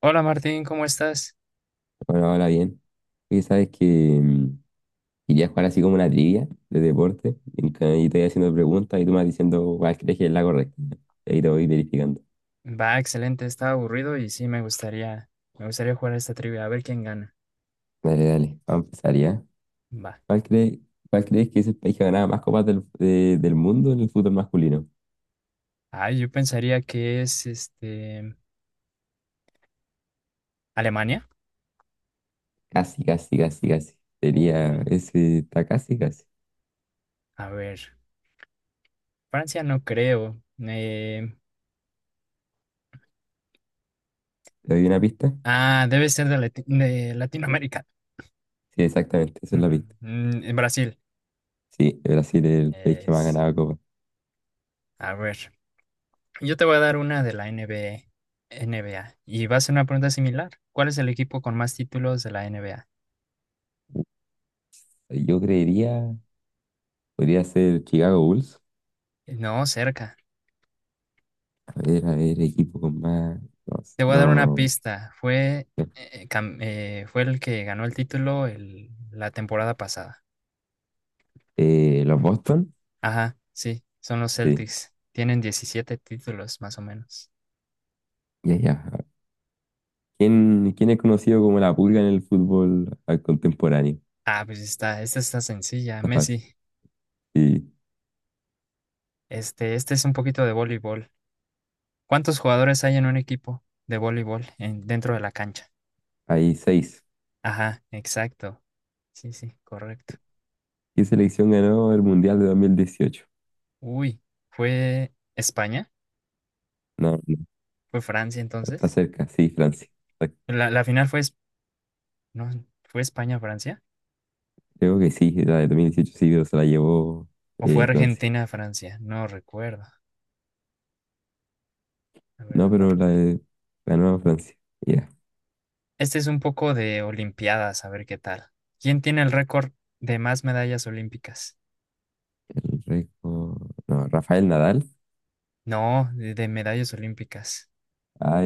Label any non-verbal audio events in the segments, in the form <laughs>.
Hola Martín, ¿cómo estás? Bueno, ahora bien. Oye, sabes que mm, quería jugar así como una trivia de deporte. Y te voy haciendo preguntas y tú me vas diciendo cuál crees que es la correcta. Y ahí te voy verificando. Va, excelente, estaba aburrido y sí me gustaría jugar a esta trivia, a ver quién gana. Dale, dale. Vamos a empezar ya. Va. ¿Cuál crees, cuál crees que es el país que ha ganado más copas del mundo en el fútbol masculino? Ah, yo pensaría que es Alemania. Casi, casi, casi, casi. Sería, Uy, ese está casi, casi. a ver, Francia no creo. ¿Te doy una pista? Debe ser de, de Latinoamérica. <laughs> Sí, exactamente, esa es la pista. En Brasil. Sí, Brasil es el país que más ha Es, ganado copas. a ver, yo te voy a dar una de la NBA, NBA y va a ser una pregunta similar. ¿Cuál es el equipo con más títulos de la NBA? Yo creería, podría ser Chicago Bulls. No, cerca. A ver, equipo con más. Los, Te voy a dar una los, pista. Fue el que ganó el título la temporada pasada. los Boston. Ajá, sí, son los Sí, Celtics. Tienen 17 títulos, más o menos. ya, ya. ¿Quién es conocido como la pulga en el fútbol contemporáneo? Ah, esta está sencilla, Está fácil. Messi. Sí, Este es un poquito de voleibol. ¿Cuántos jugadores hay en un equipo de voleibol dentro de la cancha? hay seis. Ajá, exacto. Sí, sí, correcto. ¿Qué selección ganó el Mundial de 2018? Uy, ¿fue España? No, no, ¿Fue Francia está entonces? cerca, sí, Francia. Está- La final fue, es- no, ¿fue España-Francia? Creo que sí, la de 2018 sí, pero se la llevó O fue Francia. Argentina-Francia, no recuerdo. La verdad No, no pero recuerdo. Ganó Francia. Ya, Este es un poco de Olimpiadas, a ver qué tal. ¿Quién tiene el récord de más medallas olímpicas? el récord. No, Rafael Nadal. No, de medallas olímpicas.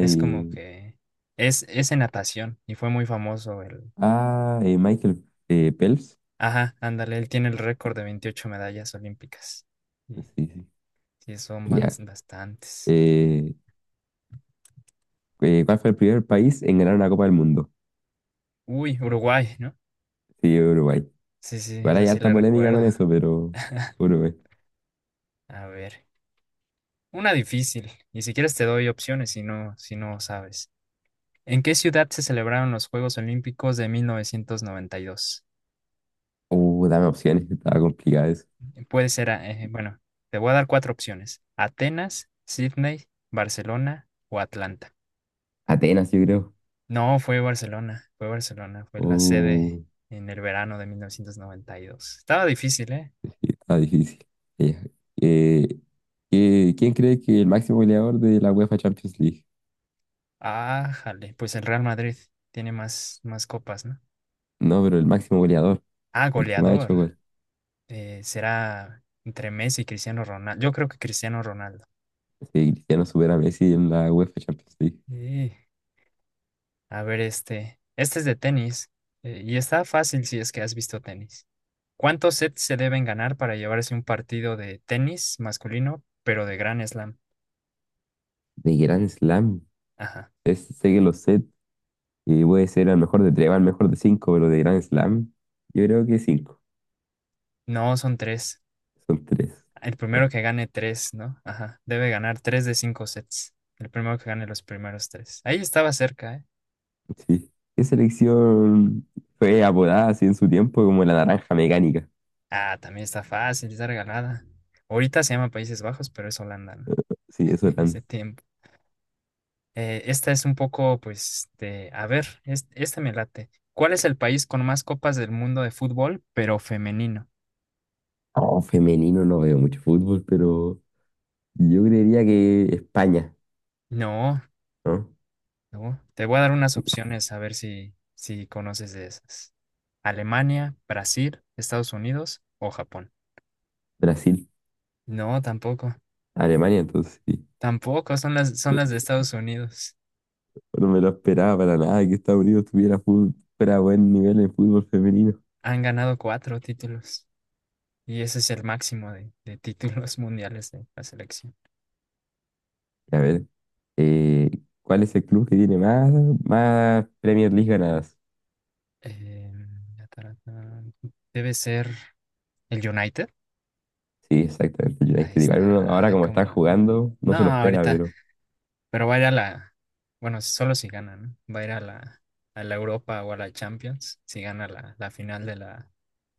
Es como que es en natación y fue muy famoso el… Ah, Michael Phelps. Ajá, ándale, él tiene el récord de 28 medallas olímpicas. Sí, Y sí. sí, son Ya. bastantes. Eh, ¿Cuál fue el primer país en ganar una Copa del Mundo? Uy, Uruguay, ¿no? Sí, Uruguay. Sí, sí, Igual esa hay sí harta la polémica recuerdo. con eso, pero Uruguay. A ver, una difícil. Y si quieres te doy opciones si no, si no sabes. ¿En qué ciudad se celebraron los Juegos Olímpicos de 1992? Dame opciones, estaba complicado eso. Puede ser, bueno, te voy a dar cuatro opciones. Atenas, Sydney, Barcelona o Atlanta. Atenas, yo creo. No, fue Barcelona, fue Barcelona, fue la Uh, sede en el verano de 1992. Estaba difícil, ¿eh? Está difícil. Ya. Eh, ¿Quién cree que el máximo goleador de la UEFA Champions League? Ah, jale, pues el Real Madrid tiene más, más copas, ¿no? No, pero el máximo goleador, Ah, el que más ha goleador. hecho gol. Será entre Messi y Cristiano Ronaldo. Yo creo que Cristiano Ronaldo. Sí, Cristiano supera a Messi en la UEFA Champions League. Sí. A ver, este. Este es de tenis. Y está fácil si es que has visto tenis. ¿Cuántos sets se deben ganar para llevarse un partido de tenis masculino, pero de Grand Slam? De Grand Slam. Ajá. Sé que lo sé. Y puede ser al mejor de tres, al mejor de cinco, pero de Grand Slam, yo creo que cinco. No, son tres. Son tres. El primero Ya, que gane tres, ¿no? Ajá. Debe ganar tres de 5 sets. El primero que gane los primeros tres. Ahí estaba cerca, ¿eh? sí. ¿Qué selección fue apodada así en su tiempo como la naranja mecánica? Ah, también está fácil, está regalada. Ahorita se llama Países Bajos, pero es Holanda, ¿no? Sí, <laughs> eso En ese tan. tiempo. Esta es un poco, pues, de, a ver, esta me late. ¿Cuál es el país con más copas del mundo de fútbol, pero femenino? Oh, femenino no veo mucho fútbol, pero yo creería que España, No, ¿no? no. Te voy a dar unas opciones a ver si, si conoces de esas. Alemania, Brasil, Estados Unidos o Japón. Brasil, No, tampoco. Alemania, entonces sí. Tampoco, son Oh, las de Estados Unidos. no me lo esperaba para nada que Estados Unidos tuviera fútbol, fuera buen nivel en fútbol femenino. Han ganado 4 títulos. Y ese es el máximo de títulos <laughs> mundiales de la selección. A ver, eh, ¿cuál es el club que tiene más Premier League ganadas? Ya, tarata. Debe ser el United. Sí, exactamente. Yo ahí Ahí uno está, ahora ah, como cómo están no. jugando, no No, se lo espera, ahorita, pero pero va a ir a la, bueno, solo si gana, ¿no? Va a ir a la Europa o a la Champions, si gana la, la final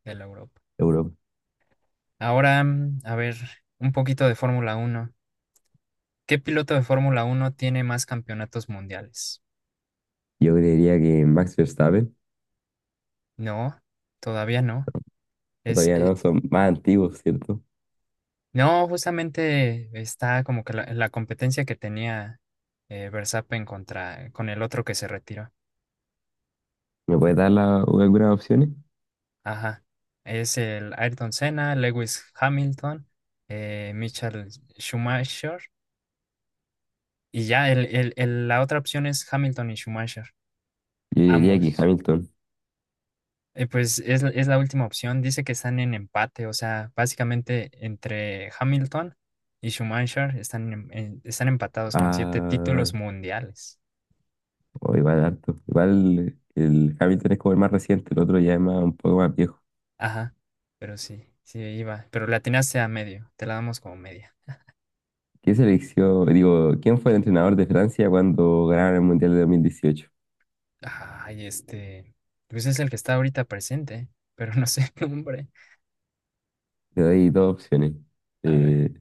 de la Europa. Europa. Ahora, a ver, un poquito de Fórmula Uno. ¿Qué piloto de Fórmula Uno tiene más campeonatos mundiales? Yo creería que Max Verstappen, No, todavía no. Es, todavía eh, no, son más antiguos, ¿cierto? no, Justamente está como que la competencia que tenía Verstappen contra, con el otro que se retiró. ¿Me puedes dar algunas opciones? Ajá. Es el Ayrton Senna, Lewis Hamilton, Michael Schumacher. Y ya, la otra opción es Hamilton y Schumacher, Yo diría que ambos. Hamilton. Pues es la última opción. Dice que están en empate, o sea, básicamente entre Hamilton y Schumacher están empatados con 7 Ah, títulos mundiales. o igual harto. Igual el Hamilton es como el más reciente, el otro ya es un poco más viejo. Ajá, pero sí, sí iba. Pero la atinaste a medio, te la damos como media. ¿Qué selección, digo, quién fue el entrenador de Francia cuando ganaron el Mundial de 2018? Ay, este. Pues es el que está ahorita presente, pero no sé el nombre. Te doy dos opciones. A ver, Eh,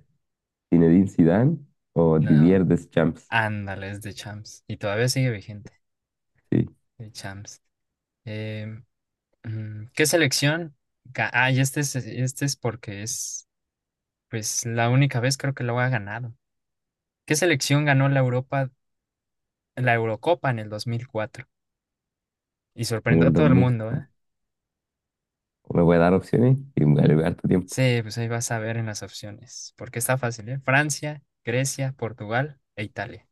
Zinedine Zidane o no. Didier Deschamps. Ándale, es de Champs. Y todavía sigue vigente. Sí. De Champs. Em, ¿Qué selección? Ah, y este es porque es, pues, la única vez creo que lo ha ganado. ¿Qué selección ganó la Europa, la Eurocopa en el 2004? Y En sorprendió a el todo el mundo, 2004. ¿eh? ¿Me voy dar opciones? Y me voy a harto tiempo. Sí, pues ahí vas a ver en las opciones, porque está fácil, ¿eh? Francia, Grecia, Portugal e Italia.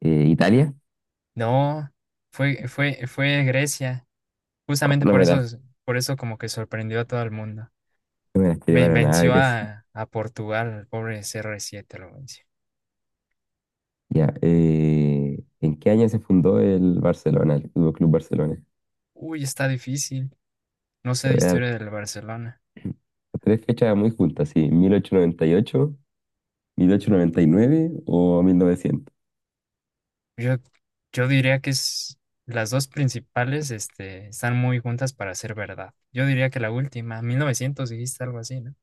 ¿Italia? No, fue, fue, fue Grecia. Justamente No, no me las, por eso como que sorprendió a todo el mundo. no me las quiero para nada, Venció Grecia. A Portugal, el pobre CR7 lo venció. Ya, ¿en qué año se fundó el Barcelona, el Fútbol Club Barcelona? Uy, está difícil. No sé Te de voy a dar historia del Barcelona. tres fechas muy juntas, sí, 1898, 1899 o 1900. Yo, yo diría que es, las dos principales, este, están muy juntas para ser verdad. Yo diría que la última, 1900 dijiste algo así, ¿no?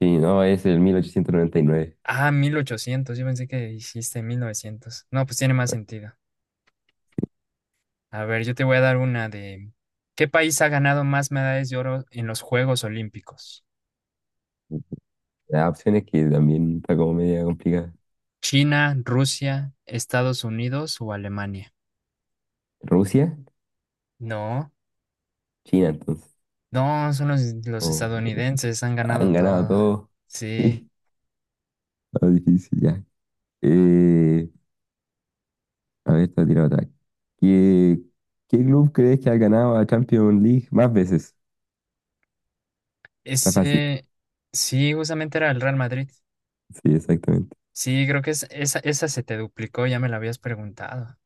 Sí, no, es el 1899. Ah, 1800. Yo pensé que dijiste 1900. No, pues tiene más sentido. A ver, yo te voy a dar una de… ¿Qué país ha ganado más medallas de oro en los Juegos Olímpicos? Las opciones que también está como media complicada. ¿China, Rusia, Estados Unidos o Alemania? ¿Rusia? No, China, entonces. no, son los Oh, estadounidenses, han ganado han ganado todo. todo. <laughs> Sí, Sí, está difícil ya. Eh, A ver, te tiro otra. ¿Qué, qué club crees que ha ganado a Champions League más veces? Está fácil. ese… Sí, justamente era el Real Madrid. Sí, exactamente. Sí, creo que es, esa se te duplicó, ya me la habías preguntado.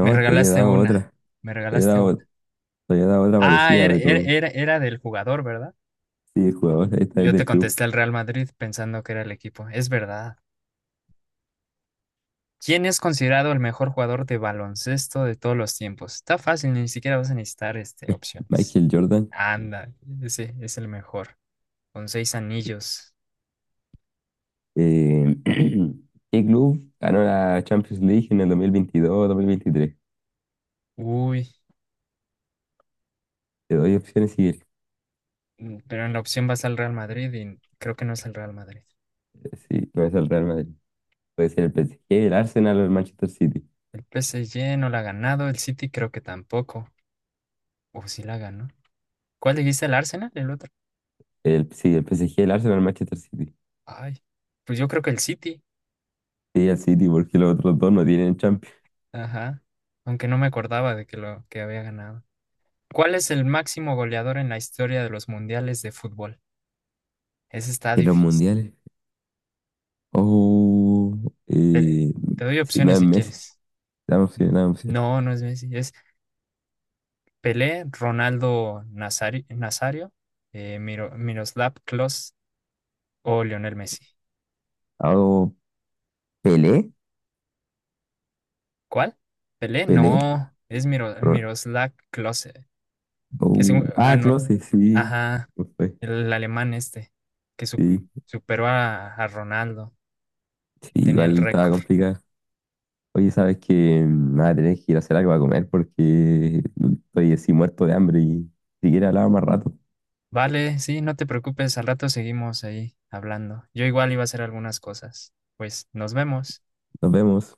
Me te había regalaste dado una, otra. me Te había regalaste dado, una. te había dado otra Ah, parecida, pero era del jugador, ¿verdad? sí, el jugador. Esta es Yo te del club. contesté al Real Madrid pensando que era el equipo. Es verdad. ¿Quién es considerado el mejor jugador de baloncesto de todos los tiempos? Está fácil, ni siquiera vas a necesitar opciones. Michael Jordan. Anda, ese es el mejor, con 6 anillos. Eh, <clears throat> ¿Qué club ganó la Champions League en el 2022 o 2023? Uy, Te doy opciones si pero en la opción vas al Real Madrid y creo que no es el Real Madrid. sí, no es el Real Madrid. Puede ser el PSG, el Arsenal o el Manchester City. El PSG no la ha ganado, el City creo que tampoco. O sí la ganó. ¿Cuál dijiste, el Arsenal? El otro. Sí, el PSG, el Arsenal, el Manchester City. Ay, pues yo creo que el City. Sí, el City, porque los otros dos no tienen. Ajá, aunque no me acordaba de que lo que había ganado. ¿Cuál es el máximo goleador en la historia de los mundiales de fútbol? Ese está ¿Y los difícil. mundiales? Oh, Te, eh, Te doy sí, no opciones es si Messi. quieres. Dame N- opción, dame opción. No, no es Messi. Es Pelé, Nazario, Miroslav Klose o Lionel Messi. Ah, Oh, Pelé, ¿Cuál? Pelé, Pelé. no. Es Ro- Miroslav Klose, que es oh, un, ah, Klose, sí. ajá, No fue. el alemán este, que su- Sí, superó a Ronaldo, sí, que tenía el igual estaba récord. complicada. Oye, sabes que nada, tenés que ir a hacer algo para comer porque estoy así muerto de hambre y si quieres hablaba más rato. Vale, sí, no te preocupes, al rato seguimos ahí hablando. Yo igual iba a hacer algunas cosas. Pues nos vemos. Nos vemos.